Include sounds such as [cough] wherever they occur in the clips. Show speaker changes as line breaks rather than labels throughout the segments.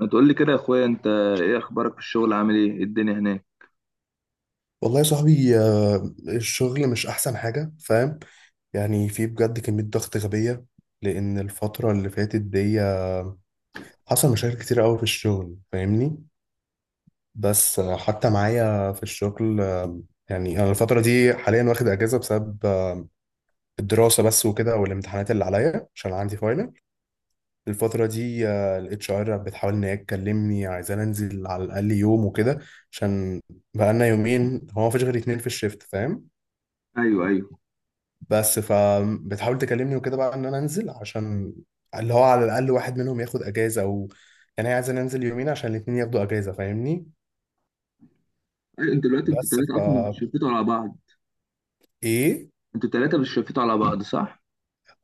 ما تقول لي كده يا اخويا انت. ايه اخبارك في الشغل؟ عامل ايه؟ إيه الدنيا هناك؟
والله يا صاحبي الشغل مش احسن حاجة، فاهم؟ يعني في بجد كمية ضغط غبية، لان الفترة اللي فاتت دي حصل مشاكل كتير قوي في الشغل، فاهمني؟ بس حتى معايا في الشغل، يعني انا الفترة دي حاليا واخد اجازة بسبب الدراسة بس وكده، والامتحانات اللي عليا عشان عندي فاينل الفترة دي. الاتش ار بتحاول ان هي تكلمني، عايزاني انزل على الاقل يوم وكده، عشان بقالنا يومين هو مفيش غير اتنين في الشيفت، فاهم؟
ايوه، ايوه.
بس فبتحاول تكلمني وكده بقى ان انا انزل، عشان اللي هو على الاقل واحد منهم ياخد اجازه، او يعني هي عايزه ننزل يومين عشان الاتنين ياخدوا اجازه، فاهمني؟
ايوه، انتوا دلوقتي
بس ف
التلاته اصلا بتشفتوا على بعض؟
ايه.
انتوا التلاته بتشفتوا على بعض، صح؟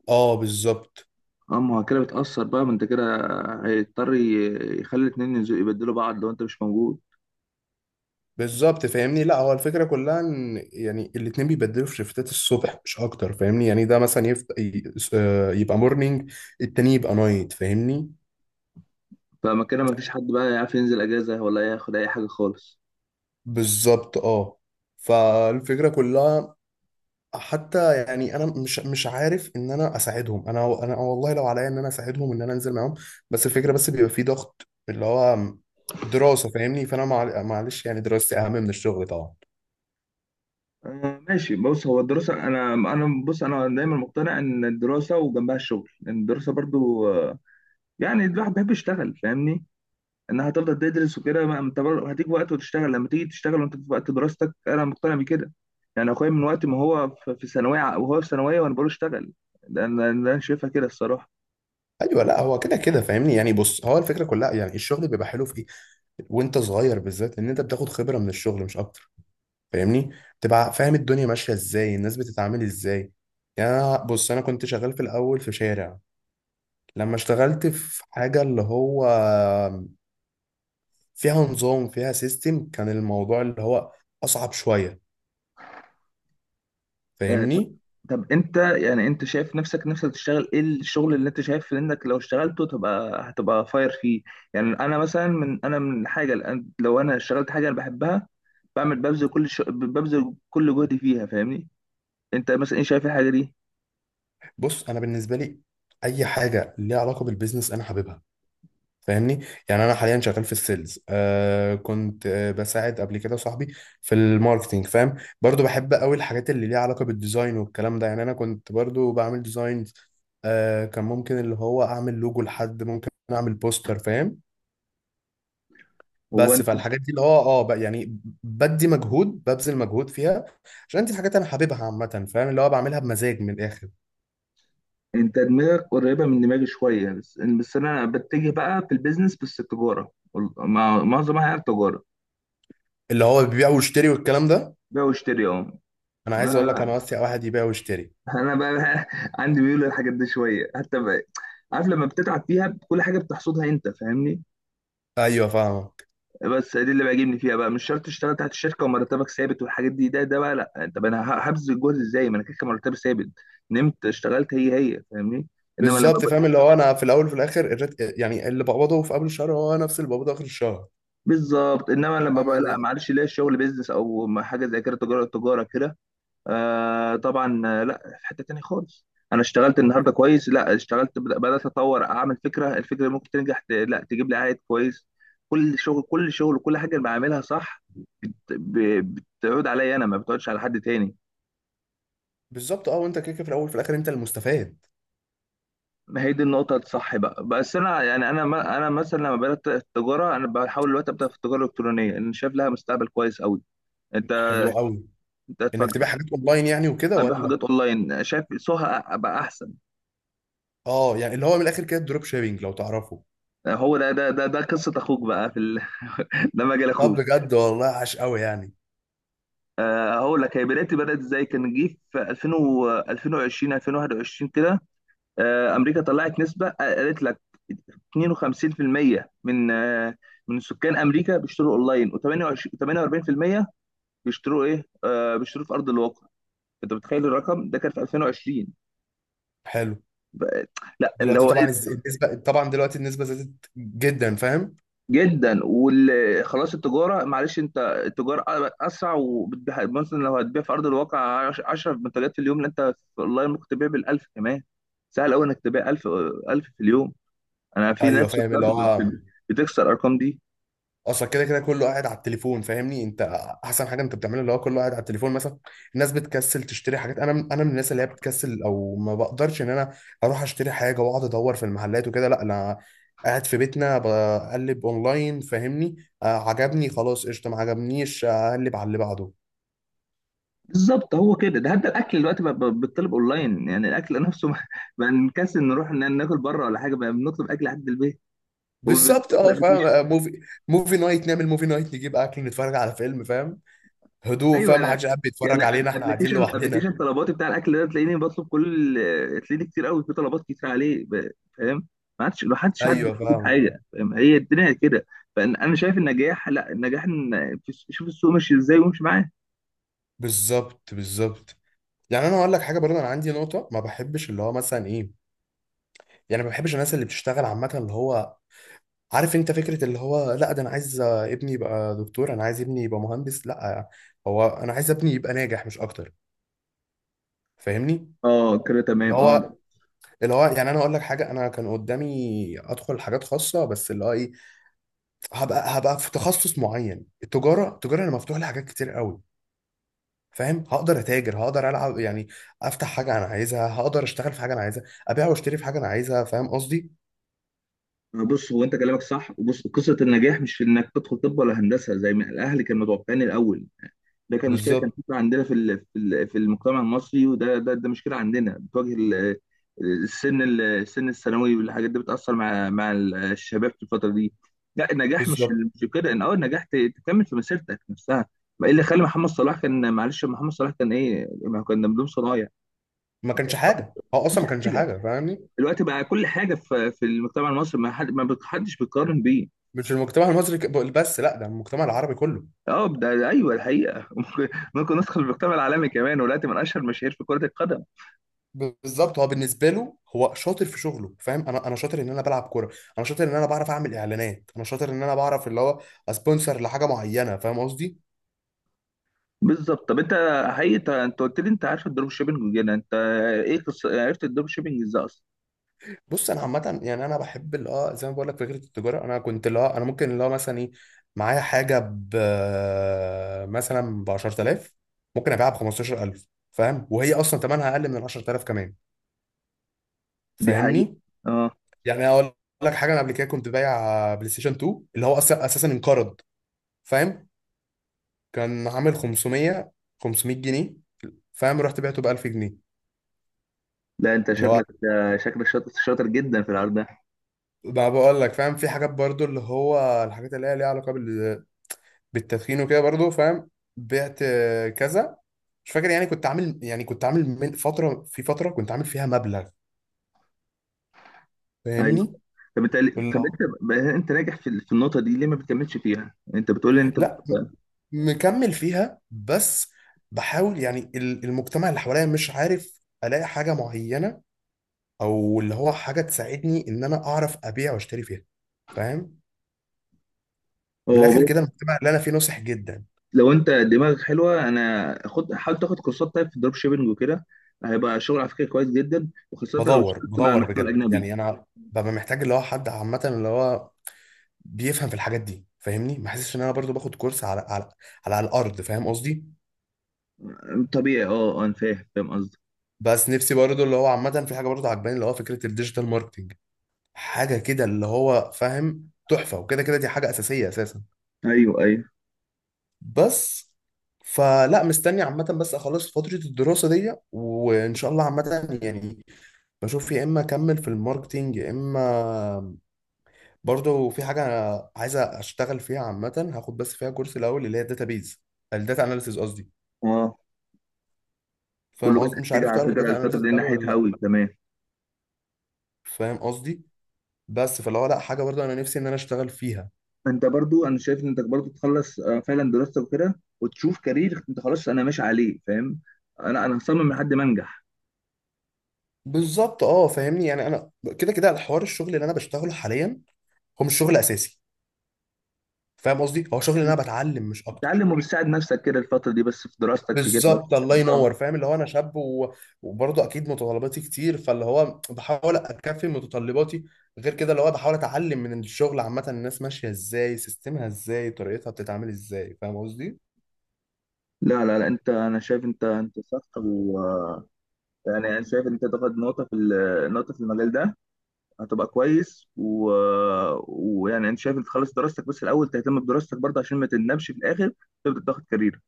اه، بالظبط.
اه، ما هو كده بتأثر بقى، ما انت كده يخلي الاتنين ينزلوا يبدلوا بعض لو انت مش موجود.
بالظبط، فاهمني؟ لا هو الفكره كلها ان يعني الاتنين بيبدلوا في شيفتات الصبح مش اكتر، فاهمني؟ يعني ده مثلا يبقى مورنينج، التاني يبقى نايت، فاهمني؟
فما كده ما فيش حد بقى يعرف ينزل اجازه ولا ياخد اي حاجه خالص.
بالظبط، اه. فالفكره كلها، حتى يعني انا مش عارف ان انا اساعدهم. انا والله لو عليا ان انا اساعدهم ان انا انزل معاهم، بس الفكره بس بيبقى في ضغط اللي هو دراسه، فاهمني؟ فانا معلش، يعني دراستي اهم من الشغل طبعا.
ماشي. بص، هو الدراسه، انا بص انا دايما مقتنع ان الدراسه وجنبها الشغل، لان الدراسه برضو، يعني الواحد بيحب يشتغل فاهمني. انها هتفضل تدرس وكده، ما انت برضه هتيجي وقت وتشتغل، لما تيجي تشتغل وانت في وقت دراستك انا مقتنع بكده. يعني اخويا من وقت ما هو في وهو في ثانويه وانا بقول له اشتغل. ده انا شايفها كده الصراحه.
ايوه، لا هو كده كده فاهمني. يعني بص، هو الفكره كلها يعني الشغل بيبقى حلو في ايه؟ وانت صغير بالذات، ان انت بتاخد خبره من الشغل مش اكتر، فاهمني؟ تبقى فاهم الدنيا ماشيه ازاي، الناس بتتعامل ازاي. يعني بص انا كنت شغال في الاول في شارع، لما اشتغلت في حاجه اللي هو فيها نظام، فيها سيستم، كان الموضوع اللي هو اصعب شويه،
طب،
فاهمني؟
طب انت يعني انت شايف نفسك تشتغل ايه؟ الشغل اللي انت شايف انك لو اشتغلته تبقى هتبقى فاير فيه. يعني انا مثلا من انا من حاجه الآن لو انا اشتغلت حاجه انا بحبها بعمل ببذل كل جهدي فيها فاهمني. انت مثلا ايه شايف الحاجه دي؟
بص انا بالنسبه لي اي حاجه ليها علاقه بالبيزنس انا حاببها، فاهمني؟ يعني انا حاليا شغال في السيلز، كنت بساعد قبل كده صاحبي في الماركتينج، فاهم؟ برضو بحب قوي الحاجات اللي ليها علاقه بالديزاين والكلام ده. يعني انا كنت برضو بعمل ديزاينز، كان ممكن اللي هو اعمل لوجو، لحد ممكن اعمل بوستر، فاهم؟
هو
بس فالحاجات دي اللي هو اه بقى، يعني بدي مجهود، ببذل مجهود فيها عشان دي الحاجات انا حاببها عامه، فاهم؟ اللي هو بعملها بمزاج من الاخر.
انت دماغك قريبه من دماغي شويه، بس انا بتجه بقى في البيزنس، بس التجاره، معظمها هي التجاره.
اللي هو بيبيع ويشتري والكلام ده.
بيع واشتري، اه.
انا عايز اقول لك انا
ما-
واسع واحد يبيع ويشتري.
انا بقى [laughs] عندي ميول للحاجات دي شويه حتى بقى. عارف لما بتتعب فيها كل حاجه بتحصدها انت فاهمني.
ايوه، فاهمك.
بس دي اللي بيعجبني فيها بقى، مش شرط تشتغل تحت الشركه ومرتبك ثابت والحاجات دي. ده ده بقى لا، طب انا هبذل الجهد ازاي ما انا كده كده مرتبي ثابت؟ نمت اشتغلت هي هي فاهمني. انما لما
بالظبط، فاهم اللي هو انا في الاول وفي الاخر يعني اللي بقبضه في قبل الشهر هو نفس اللي بقبضه اخر الشهر،
بالظبط، انما لما
فاهم
بقى لا
يعني؟
معلش، ليا الشغل بيزنس او ما حاجه زي كده، تجاره، تجاره كده. آه طبعا. لا في حته تانية خالص. انا اشتغلت النهارده كويس، لا اشتغلت بدات اطور اعمل فكره، الفكره ممكن تنجح، لا تجيب لي عائد كويس. كل شغل كل حاجه اللي بعملها صح بتعود عليا انا، ما بتعودش على حد تاني.
بالظبط، اه. وانت كده كده في الاول وفي الاخر انت المستفاد.
ما هي دي النقطة الصح بقى. بس أنا يعني أنا ما أنا مثلا لما بدأت التجارة، أنا بحاول دلوقتي أبدأ في التجارة الإلكترونية، أنا شايف لها مستقبل كويس أوي. أنت،
حلو قوي.
أنت
انك
هتفاجئ.
تبيع حاجات اونلاين يعني وكده،
ابيع
ولا؟
حاجات اونلاين، شايف سوها بقى احسن.
اه، يعني اللي هو من الاخر كده الدروب شيبينج، لو تعرفه.
هو ده، ده قصه اخوك بقى في [laughs] ده مجال
طب
اخوك.
بجد والله عاش قوي يعني.
هقول لك هي بدايتي بدات ازاي. كان جه في 2000 و 2020 2021 كده. امريكا طلعت نسبه، قالت لك 52% من، من سكان امريكا بيشتروا اونلاين، و28 48% بيشتروا ايه، بيشتروا في ارض الواقع. انت متخيل؟ الرقم ده كان في 2020.
حلو.
بقى- لا اللي
دلوقتي
هو
طبعا
إيه؟
النسبه، طبعا دلوقتي النسبه زادت جدا، فاهم؟
جدا. وخلاص، التجاره معلش، انت التجاره اسرع. وبتبيع مثلا لو هتبيع في ارض الواقع 10 منتجات في اليوم، لا انت في اونلاين ممكن تبيع بال1000 كمان. سهل قوي انك تبيع 1000، 1000 في اليوم. انا في ناس
ايوه، فاهم
شفتها
اللي هو
بتكسر الارقام دي.
اصلا كده كده كله قاعد على التليفون، فاهمني انت؟ احسن حاجه انت بتعملها اللي هو كله قاعد على التليفون مثلا. الناس بتكسل تشتري حاجات. انا انا من الناس اللي هي بتكسل، او ما بقدرش ان انا اروح اشتري حاجه واقعد ادور في المحلات وكده. لا انا قاعد في بيتنا بقلب اونلاين، فاهمني؟ آه عجبني، خلاص قشطه، ما عجبنيش اقلب على اللي بعده.
بالظبط. هو كده، ده حتى الاكل دلوقتي بقى بيطلب اونلاين، يعني الاكل نفسه [laughs] بقى، بقى نكسل نروح ناكل بره ولا حاجه، بقى بنطلب اكل لحد البيت
بالظبط، اه،
وبنطلب.
فاهم. موفي، موفي نايت. نعمل موفي نايت، نجيب اكل، نتفرج على فيلم، فاهم؟ هدوء،
ايوه
فاهم؟
انا
محدش قاعد
يعني،
بيتفرج علينا، احنا قاعدين
ابلكيشن
لوحدنا.
طلباتي بتاع الاكل ده تلاقيني بطلب كل، تلاقيني كتير قوي، في طلبات كتير عليه فاهم. ما عادش، ما حدش حد
ايوه،
بيطلب
فاهم.
حاجه فاهم، هي الدنيا كده. فانا شايف النجاح، لا النجاح ان شوف السوق ماشي ازاي وامشي معاه.
بالظبط، بالظبط. يعني انا هقول لك حاجه برضه، انا عندي نقطه ما بحبش اللي هو مثلا ايه؟ يعني ما بحبش الناس اللي بتشتغل عامه اللي هو، عارف انت فكره اللي هو لا ده انا عايز ابني يبقى دكتور، انا عايز ابني يبقى مهندس؟ لا، هو انا عايز ابني يبقى ناجح مش اكتر، فاهمني؟
اه كده
اللي
تمام، اه.
هو، اللي هو يعني انا اقول لك حاجه، انا كان قدامي ادخل حاجات خاصه، بس اللي هو ايه؟ هبقى في تخصص معين. التجاره، التجاره انا مفتوح لي حاجات كتير قوي، فاهم؟ هقدر اتاجر، هقدر العب يعني، افتح حاجه انا عايزها، هقدر اشتغل في حاجه انا عايزها، ابيع واشتري في حاجه انا عايزها، فاهم قصدي؟
بص، هو انت كلامك صح. وبص، قصه النجاح مش في انك تدخل طب ولا هندسه زي ما الاهل كانوا متوقعين الاول. ده كان مشكله كانت
بالظبط،
بتبقى عندنا في في المجتمع المصري. وده ده ده مشكله عندنا بتواجه السن السن الثانوي والحاجات دي، بتاثر مع الشباب في الفتره دي. لا النجاح مش
بالظبط.
مش كده، ان اه النجاح تكمل في مسيرتك نفسها. ما إيه اللي خلى محمد صلاح؟ كان معلش محمد صلاح كان ايه، ما هو كان بدون صنايع.
ما
ما
كانش
كانش
حاجه،
ما
هو اصلا
كانش
ما كانش
حاجه.
حاجه، فاهمني؟
دلوقتي بقى كل حاجه في المجتمع المصري، ما حد، ما حدش بيقارن بيه.
مش المجتمع المصري بس، لا ده المجتمع العربي كله.
اه ده، ايوه، الحقيقه. [laughs] ممكن ندخل المجتمع العالمي كمان، ودلوقتي من اشهر المشاهير في كره القدم.
بالظبط، هو بالنسبه له هو شاطر في شغله، فاهم؟ انا انا شاطر ان انا بلعب كوره، انا شاطر ان انا بعرف اعمل اعلانات، انا شاطر ان انا بعرف اللي هو اسبونسر لحاجه معينه، فاهم قصدي؟
بالظبط. طب انت، حقيقي انت، قلت لي انت عارف الدروب شيبنج وكده، انت ايه عرفت الدروب شيبنج ازاي اصلا؟
بص انا عامه يعني انا بحب اللي اه زي ما بقول لك فكره التجاره. انا كنت اللي اه انا ممكن اللي هو مثلا ايه؟ معايا حاجه ب، مثلا ب 10,000، ممكن ابيعها ب 15,000، فاهم؟ وهي اصلا ثمنها اقل من 10,000 كمان،
دي حقيقة،
فاهمني؟
اه.
يعني اقول لك حاجه، انا قبل كده كنت بايع بلاي ستيشن 2 اللي هو اصلا اساسا انقرض، فاهم؟ كان عامل 500، 500 جنيه، فاهم؟ رحت بعته ب 1000 جنيه.
لا انت
اللي هو
شكلك، شاطر، شاطر جدا في العرض ده.
ما بقول لك، فاهم؟ في حاجات برضو اللي هو الحاجات اللي هي ليها علاقه بالتدخين وكده برضو، فاهم؟ بعت كذا، مش فاكر يعني. كنت عامل، يعني كنت عامل من فترة، في فترة كنت عامل فيها مبلغ،
ايوه.
فاهمني؟
طب انت، طب
الله.
انت انت ناجح في النقطة دي، ليه ما بتكملش فيها؟ انت بتقول لي انت.
لا م- مكمل فيها، بس بحاول، يعني المجتمع اللي حواليا مش عارف الاقي حاجة معينة، او اللي هو حاجة تساعدني ان انا اعرف ابيع واشتري فيها، فاهم؟ من
هو
الاخر
بص،
كده المجتمع اللي انا فيه ناصح جدا.
لو انت دماغك حلوة، انا خد حاول تاخد كورسات طيب في الدروب شيبنج وكده، هيبقى شغل على فكرة كويس جدا، وخاصة لو
بدور
اشتغلت مع
بدور
المحتوى
بجد
الاجنبي.
يعني، انا ببقى محتاج اللي هو حد عامة اللي هو بيفهم في الحاجات دي، فاهمني؟ ما حسيتش ان انا برضو باخد كورس على على، على الارض، فاهم قصدي؟
طبيعي، اه. انا فاهم، قصدي.
بس نفسي برضو اللي هو عامه في حاجه برضو عجباني، اللي هو فكره الديجيتال ماركتنج، حاجه كده اللي هو فاهم تحفه، وكده كده دي حاجه اساسيه اساسا.
ايوه، ايوه،
بس، فلا مستني عامة بس اخلص فترة الدراسة دي، وان شاء الله عامة يعني بشوف. يا اما اكمل في الماركتينج، يا اما برضو في حاجة عايز اشتغل فيها عامة، هاخد بس فيها كورس الاول اللي هي الداتابيز، الداتا اناليسيز قصدي،
اه. كله
فاهم
بدأت
قصدي؟ مش
تيجي
عارف
على
تعرف
فكرة
الداتا
الفترة
اناليسيس
دي
قوي ولا
ناحيتها
لا؟
أوي كمان.
فاهم قصدي؟ بس فلو لا، حاجه برضه انا نفسي ان انا اشتغل فيها.
فأنت برضو، أنا شايف إن أنت برضو تخلص، فعلا دراستك وكده، وتشوف كارير أنت خلاص أنا ماشي عليه فاهم. أنا هصمم لحد ما أنجح.
بالظبط، اه، فاهمني؟ يعني انا كده كده الحوار، الشغل اللي انا بشتغله حاليا هو مش شغل اساسي، فاهم قصدي؟ هو شغل اللي انا بتعلم مش اكتر.
تعلم وبتساعد نفسك كده الفترة دي بس، في دراستك في كده بس.
بالظبط، الله
آه.
ينور، فاهم اللي هو انا شاب و... وبرضه اكيد متطلباتي كتير، فاللي هو بحاول اكفي متطلباتي، غير كده اللي هو بحاول اتعلم من الشغل عامه الناس ماشيه ازاي، سيستمها ازاي، طريقتها بتتعامل ازاي، فاهم قصدي؟
لا، لا، لا، انت انا شايف انت صح. و يعني انا شايف انت تاخد نقطة في نقطة في المجال ده، هتبقى كويس. و... ويعني انا شايف انت تخلص دراستك بس الاول، تهتم بدراستك برضه عشان ما تندمش في الاخر تبدأ تاخد كارير.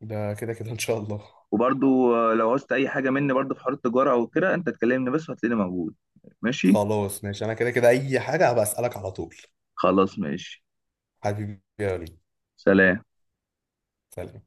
ده كده كده ان شاء الله.
وبرضو، لو عوزت اي حاجه مني برضو في حوار التجاره او كده، انت تكلمني بس وهتلاقيني موجود. ماشي.
خلاص ماشي، انا كده كده اي حاجه هبقى اسالك على طول.
خلاص ماشي.
حبيبي يا وليد،
سلام.
سلام.